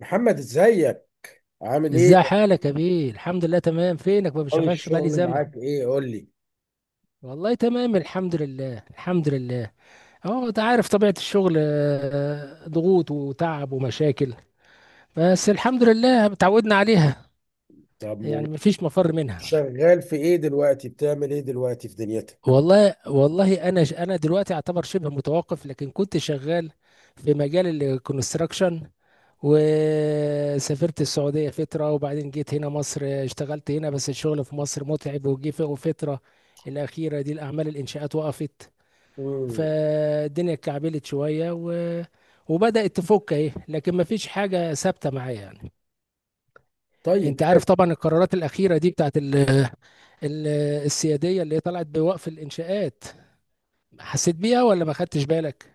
محمد ازيك؟ عامل ايه؟ ازاي حالك يا بيه؟ الحمد لله تمام. فينك؟ ما اخبار بشوفكش بقالي الشغل زمن. معاك ايه قول لي. والله تمام، الحمد لله. اهو انت عارف طبيعة الشغل، آه، ضغوط وتعب ومشاكل، بس الحمد لله اتعودنا عليها، طب م- يعني مفيش مفر منها. شغال في ايه دلوقتي؟ بتعمل ايه دلوقتي في دنيتك؟ والله انا دلوقتي اعتبر شبه متوقف، لكن كنت شغال في مجال الكونستراكشن، وسافرت السعودية فترة، وبعدين جيت هنا مصر، اشتغلت هنا بس الشغل في مصر متعب، وجي في فترة الأخيرة دي الأعمال الإنشاءات وقفت، امم فالدنيا اتكعبلت شوية وبدأت تفك اهي، لكن ما فيش حاجة ثابتة معايا يعني. طيب، انت حلو. عارف طبعا القرارات الأخيرة دي بتاعت ال- السيادية اللي طلعت بوقف الإنشاءات، حسيت بيها ولا ما خدتش بالك؟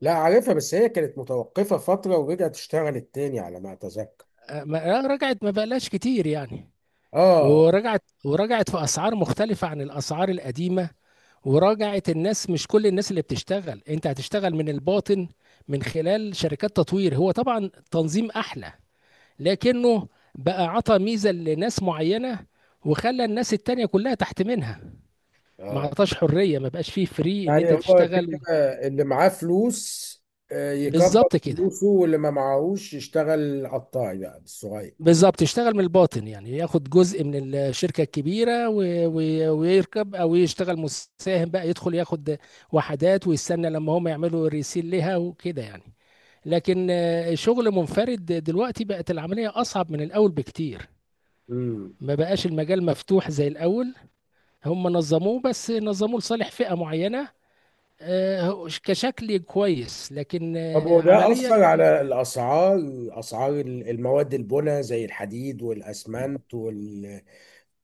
لا عارفها، بس هي كانت متوقفة فترة ورجعت اشتغلت تاني على ما اتذكر. آه، رجعت ما بقالهاش كتير يعني. اه. ورجعت في اسعار مختلفه عن الاسعار القديمه، وراجعت الناس. مش كل الناس اللي بتشتغل، انت هتشتغل من الباطن من خلال شركات تطوير. هو طبعا تنظيم احلى، لكنه بقى عطى ميزه لناس معينه، وخلى الناس التانية كلها تحت منها. ما اه، عطاش حريه، ما بقاش فيه فري ان يعني انت هو كده تشتغل. اللي معاه فلوس، يكبر بالظبط كده. فلوسه، واللي ما معاهوش يشتغل قطاعي بقى بالصغير. بالظبط، يشتغل من الباطن، يعني ياخد جزء من الشركة الكبيرة و... ويركب، أو يشتغل مساهم بقى، يدخل ياخد وحدات ويستنى لما هم يعملوا ريسيل لها وكده يعني. لكن آه، شغل منفرد دلوقتي بقت العملية أصعب من الأول بكتير. امم ما بقاش المجال مفتوح زي الأول، هم نظموه بس نظموه لصالح فئة معينة، آه، كشكل كويس لكن طب آه، وده عمليا. أثر على الأسعار؟ أسعار المواد البناء زي الحديد والأسمنت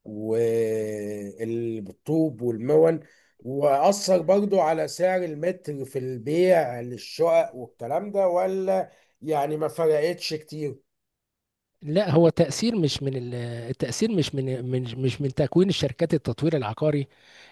والطوب والمون، وأثر برضو على سعر المتر في البيع للشقق والكلام ده، ولا يعني ما فرقتش كتير؟ لا، هو تأثير مش من التأثير مش من تكوين الشركات التطوير العقاري.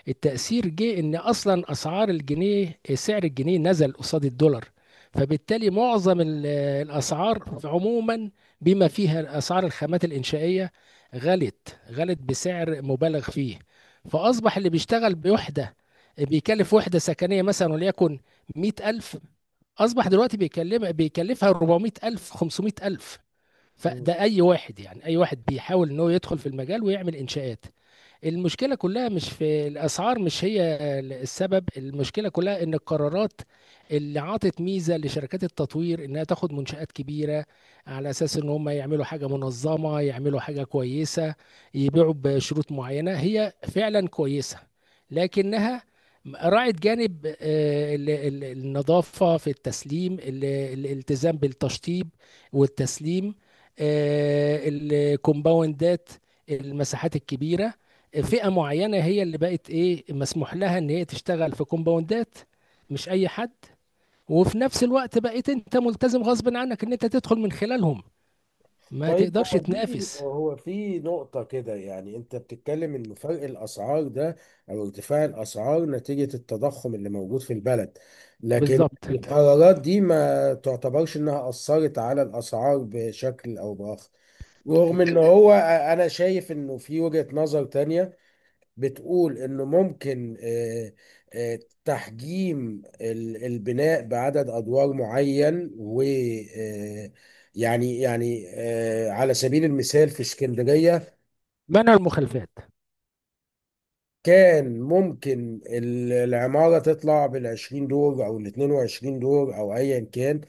التأثير جه إن أصلا أسعار الجنيه، سعر الجنيه نزل قصاد الدولار، فبالتالي معظم الأسعار عموما، بما فيها أسعار الخامات الإنشائية، غلت بسعر مبالغ فيه. فأصبح اللي بيشتغل بوحدة، بيكلف وحدة سكنية مثلا وليكن 100,000، أصبح دلوقتي بيكلفها 400,000 500,000. فده اي واحد، يعني اي واحد بيحاول ان هو يدخل في المجال ويعمل انشاءات. المشكلة كلها مش في الأسعار، مش هي السبب. المشكلة كلها إن القرارات اللي عطت ميزة لشركات التطوير، إنها تاخد منشآت كبيرة على أساس إن هم يعملوا حاجة منظمة، يعملوا حاجة كويسة، يبيعوا بشروط معينة هي فعلا كويسة، لكنها راعت جانب آه، النظافة في التسليم، الالتزام بالتشطيب والتسليم، آه، الكومباوندات، المساحات الكبيرة. فئة معينة هي اللي بقت ايه، مسموح لها ان هي تشتغل في كومباوندات، مش اي حد. وفي نفس الوقت بقيت انت ملتزم غصب عنك ان انت تدخل من خلالهم، ما طيب، تقدرش هو في تنافس. هو في نقطة كده، يعني أنت بتتكلم إن فرق الأسعار ده أو ارتفاع الأسعار نتيجة التضخم اللي موجود في البلد، لكن بالظبط. القرارات دي ما تعتبرش إنها أثرت على الأسعار بشكل أو بآخر؟ رغم إن هو، أنا شايف إنه في وجهة نظر تانية بتقول انه ممكن، آه، تحجيم البناء بعدد ادوار معين، و آه، يعني يعني على سبيل المثال في اسكندرية منع المخالفات. كان ممكن العمارة تطلع بالعشرين دور أو الاتنين وعشرين دور أو أيا كان،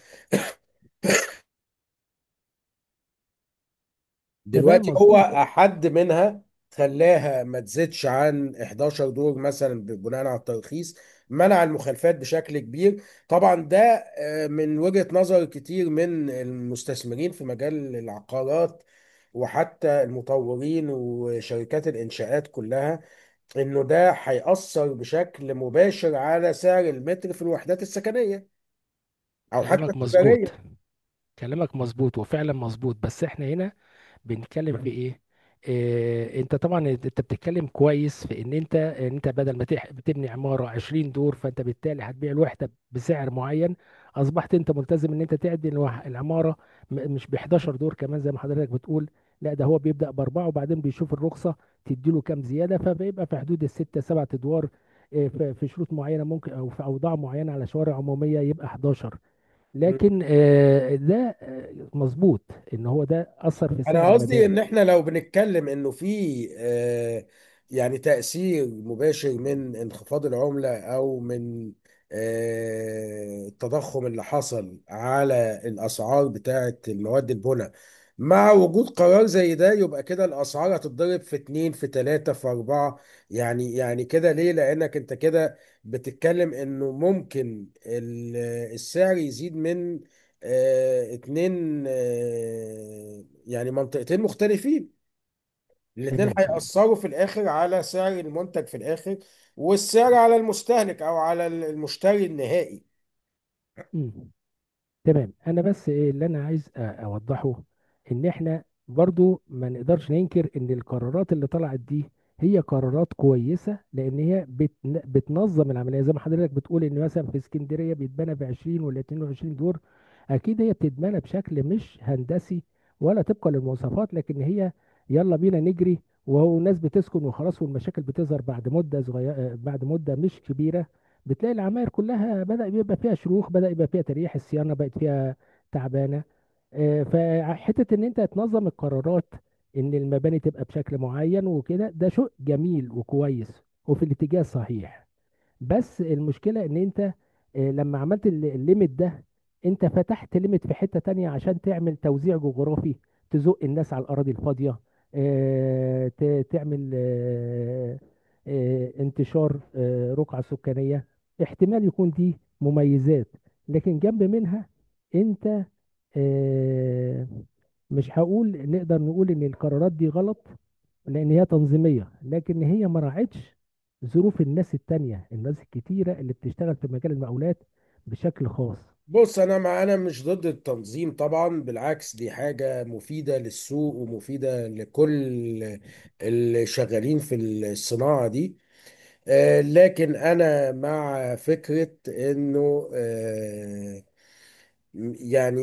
تمام دلوقتي مظبوط. هو حد منها، خلاها ما تزيدش عن 11 دور مثلا بناء على الترخيص، منع المخالفات بشكل كبير. طبعا ده، من وجهة نظر كتير من المستثمرين في مجال العقارات وحتى المطورين وشركات الإنشاءات كلها، إنه ده هيأثر بشكل مباشر على سعر المتر في الوحدات السكنية أو حتى كلامك مظبوط، التجارية. كلامك مظبوط وفعلا مظبوط، بس احنا هنا بنتكلم في ايه؟ إيه، انت طبعا انت بتتكلم كويس في ان انت ان انت بدل ما بتبني عماره 20 دور، فانت بالتالي هتبيع الوحده بسعر معين. اصبحت انت ملتزم ان انت تعدي العماره، مش ب 11 دور كمان زي ما حضرتك بتقول. لا، ده هو بيبدا باربعه، وبعدين بيشوف الرخصه تديله كام زياده، فبيبقى في حدود السته سبعة ادوار. إيه، في شروط معينه ممكن، او في اوضاع معينه على شوارع عموميه يبقى 11، لكن آه، ده آه، مظبوط ان هو ده اثر في سعر انا قصدي المباني. ان احنا لو بنتكلم انه في، يعني تأثير مباشر من انخفاض العملة او من، التضخم اللي حصل على الاسعار بتاعة المواد البناء، مع وجود قرار زي ده، يبقى كده الاسعار هتتضرب في اتنين في تلاتة في اربعة. يعني كده ليه؟ لانك انت كده بتتكلم انه ممكن السعر يزيد من، اتنين، يعني منطقتين مختلفين، الاتنين تمام. هيأثروا في الآخر على سعر المنتج في الآخر، والسعر على المستهلك أو على المشتري النهائي. مم. تمام، انا بس ايه اللي انا عايز اوضحه، ان احنا برضو ما نقدرش ننكر ان القرارات اللي طلعت دي هي قرارات كويسة، لان هي بتنظم العملية زي ما حضرتك بتقول، ان مثلا في اسكندرية بيتبنى ب 20 ولا 22 دور، اكيد هي بتتبنى بشكل مش هندسي ولا طبقا للمواصفات. لكن هي يلا بينا نجري، وهو الناس بتسكن وخلاص، والمشاكل بتظهر بعد مدة صغيرة، بعد مدة مش كبيرة بتلاقي العماير كلها بدأ بيبقى فيها شروخ، بدأ يبقى فيها تريح، الصيانة بقت فيها تعبانة. آه، فحتة ان انت تنظم القرارات، ان المباني تبقى بشكل معين وكده، ده شيء جميل وكويس وفي الاتجاه الصحيح. بس المشكلة ان انت آه، لما عملت الليمت ده، انت فتحت ليمت في حتة تانية عشان تعمل توزيع جغرافي، تزق الناس على الأراضي الفاضية، آه، تعمل آه، آه، انتشار، آه، رقعة سكانية. احتمال يكون دي مميزات، لكن جنب منها انت آه، مش هقول نقدر نقول ان القرارات دي غلط، لان هي تنظيميه، لكن هي ما راعتش ظروف الناس التانية، الناس الكتيره اللي بتشتغل في مجال المقاولات بشكل خاص. بص، أنا مش ضد التنظيم طبعا، بالعكس دي حاجة مفيدة للسوق ومفيدة لكل اللي شغالين في الصناعة دي. لكن أنا مع فكرة إنه يعني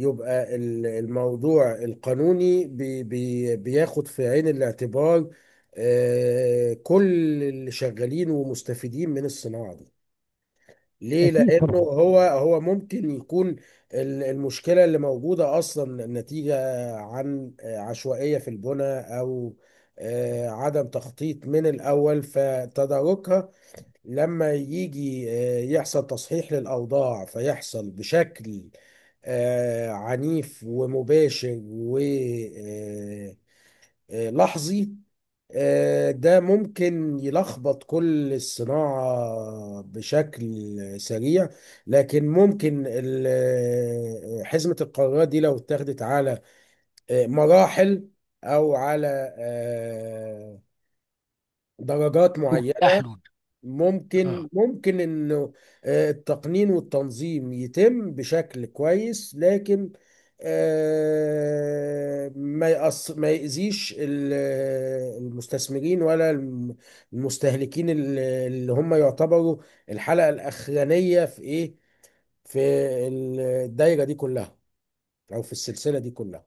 يبقى الموضوع القانوني بي بي بياخد في عين الاعتبار كل اللي شغالين ومستفيدين من الصناعة دي. ليه؟ اكيد لأنه طبعا. هو ممكن يكون المشكلة اللي موجودة أصلا نتيجة عن، عشوائية في البناء أو، عدم تخطيط من الأول، فتداركها لما يجي، يحصل تصحيح للأوضاع فيحصل بشكل، عنيف ومباشر ولحظي، ده ممكن يلخبط كل الصناعة بشكل سريع. لكن ممكن حزمة القرارات دي لو اتاخدت على، مراحل أو على، درجات معينة، اه. ممكن انه، التقنين والتنظيم يتم بشكل كويس، لكن ما يأذيش المستثمرين ولا المستهلكين، اللي هم يعتبروا الحلقة الأخرانية في ايه، في الدايرة دي كلها أو في السلسلة دي كلها.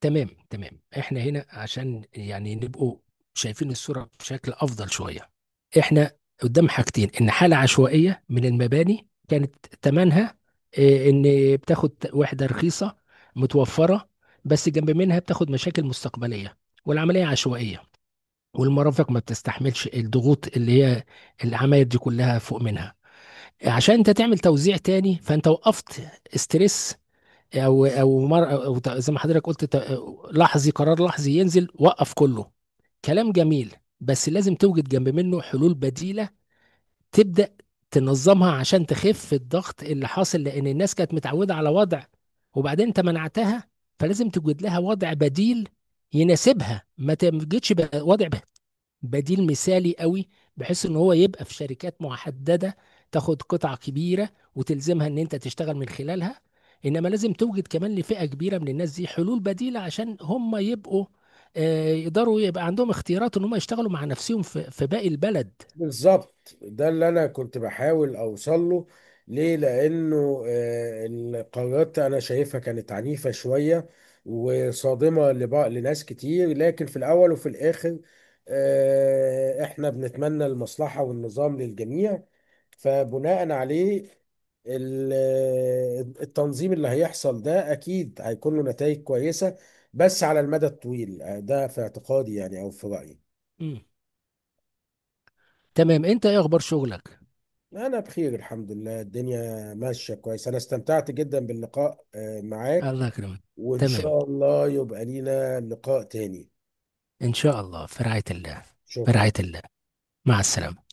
تمام تمام. احنا هنا عشان يعني نبقوا شايفين الصورة بشكل افضل شوية. احنا قدام حاجتين، ان حالة عشوائية من المباني كانت تمنها آه، ان بتاخد وحدة رخيصة متوفرة، بس جنب منها بتاخد مشاكل مستقبلية، والعملية عشوائية، والمرافق ما بتستحملش الضغوط اللي هي العمايل دي كلها فوق منها. عشان انت تعمل توزيع تاني، فانت وقفت استرس، مر أو زي ما حضرتك قلت، لحظي، قرار لحظي ينزل وقف كله. كلام جميل، بس لازم توجد جنب منه حلول بديلة، تبدأ تنظمها عشان تخف الضغط اللي حاصل، لان الناس كانت متعودة على وضع، وبعدين انت منعتها، فلازم توجد لها وضع بديل يناسبها. ما تجدش بقى وضع بديل مثالي قوي بحيث ان هو يبقى في شركات محددة، تاخد قطعة كبيرة وتلزمها ان انت تشتغل من خلالها. انما لازم توجد كمان لفئة كبيرة من الناس دي حلول بديلة، عشان هم يبقوا آه، يقدروا يبقى عندهم اختيارات ان هم يشتغلوا مع نفسهم في باقي البلد. بالظبط، ده اللي انا كنت بحاول اوصل له. ليه؟ لانه القرارات انا شايفها كانت عنيفة شوية وصادمة لناس كتير، لكن في الاول وفي الاخر احنا بنتمنى المصلحة والنظام للجميع. فبناء عليه، ال- التنظيم اللي هيحصل ده اكيد هيكون له نتائج كويسة، بس على المدى الطويل. ده في اعتقادي يعني، او في رأيي. مم. تمام، انت ايه اخبار شغلك؟ أنا بخير الحمد لله، الدنيا ماشية كويس، أنا استمتعت جدا باللقاء معاك، الله يكرمك. وإن تمام، شاء الله يبقى لينا لقاء تاني. ان شاء الله، في رعاية الله. في شكرا. رعاية الله، مع السلامة.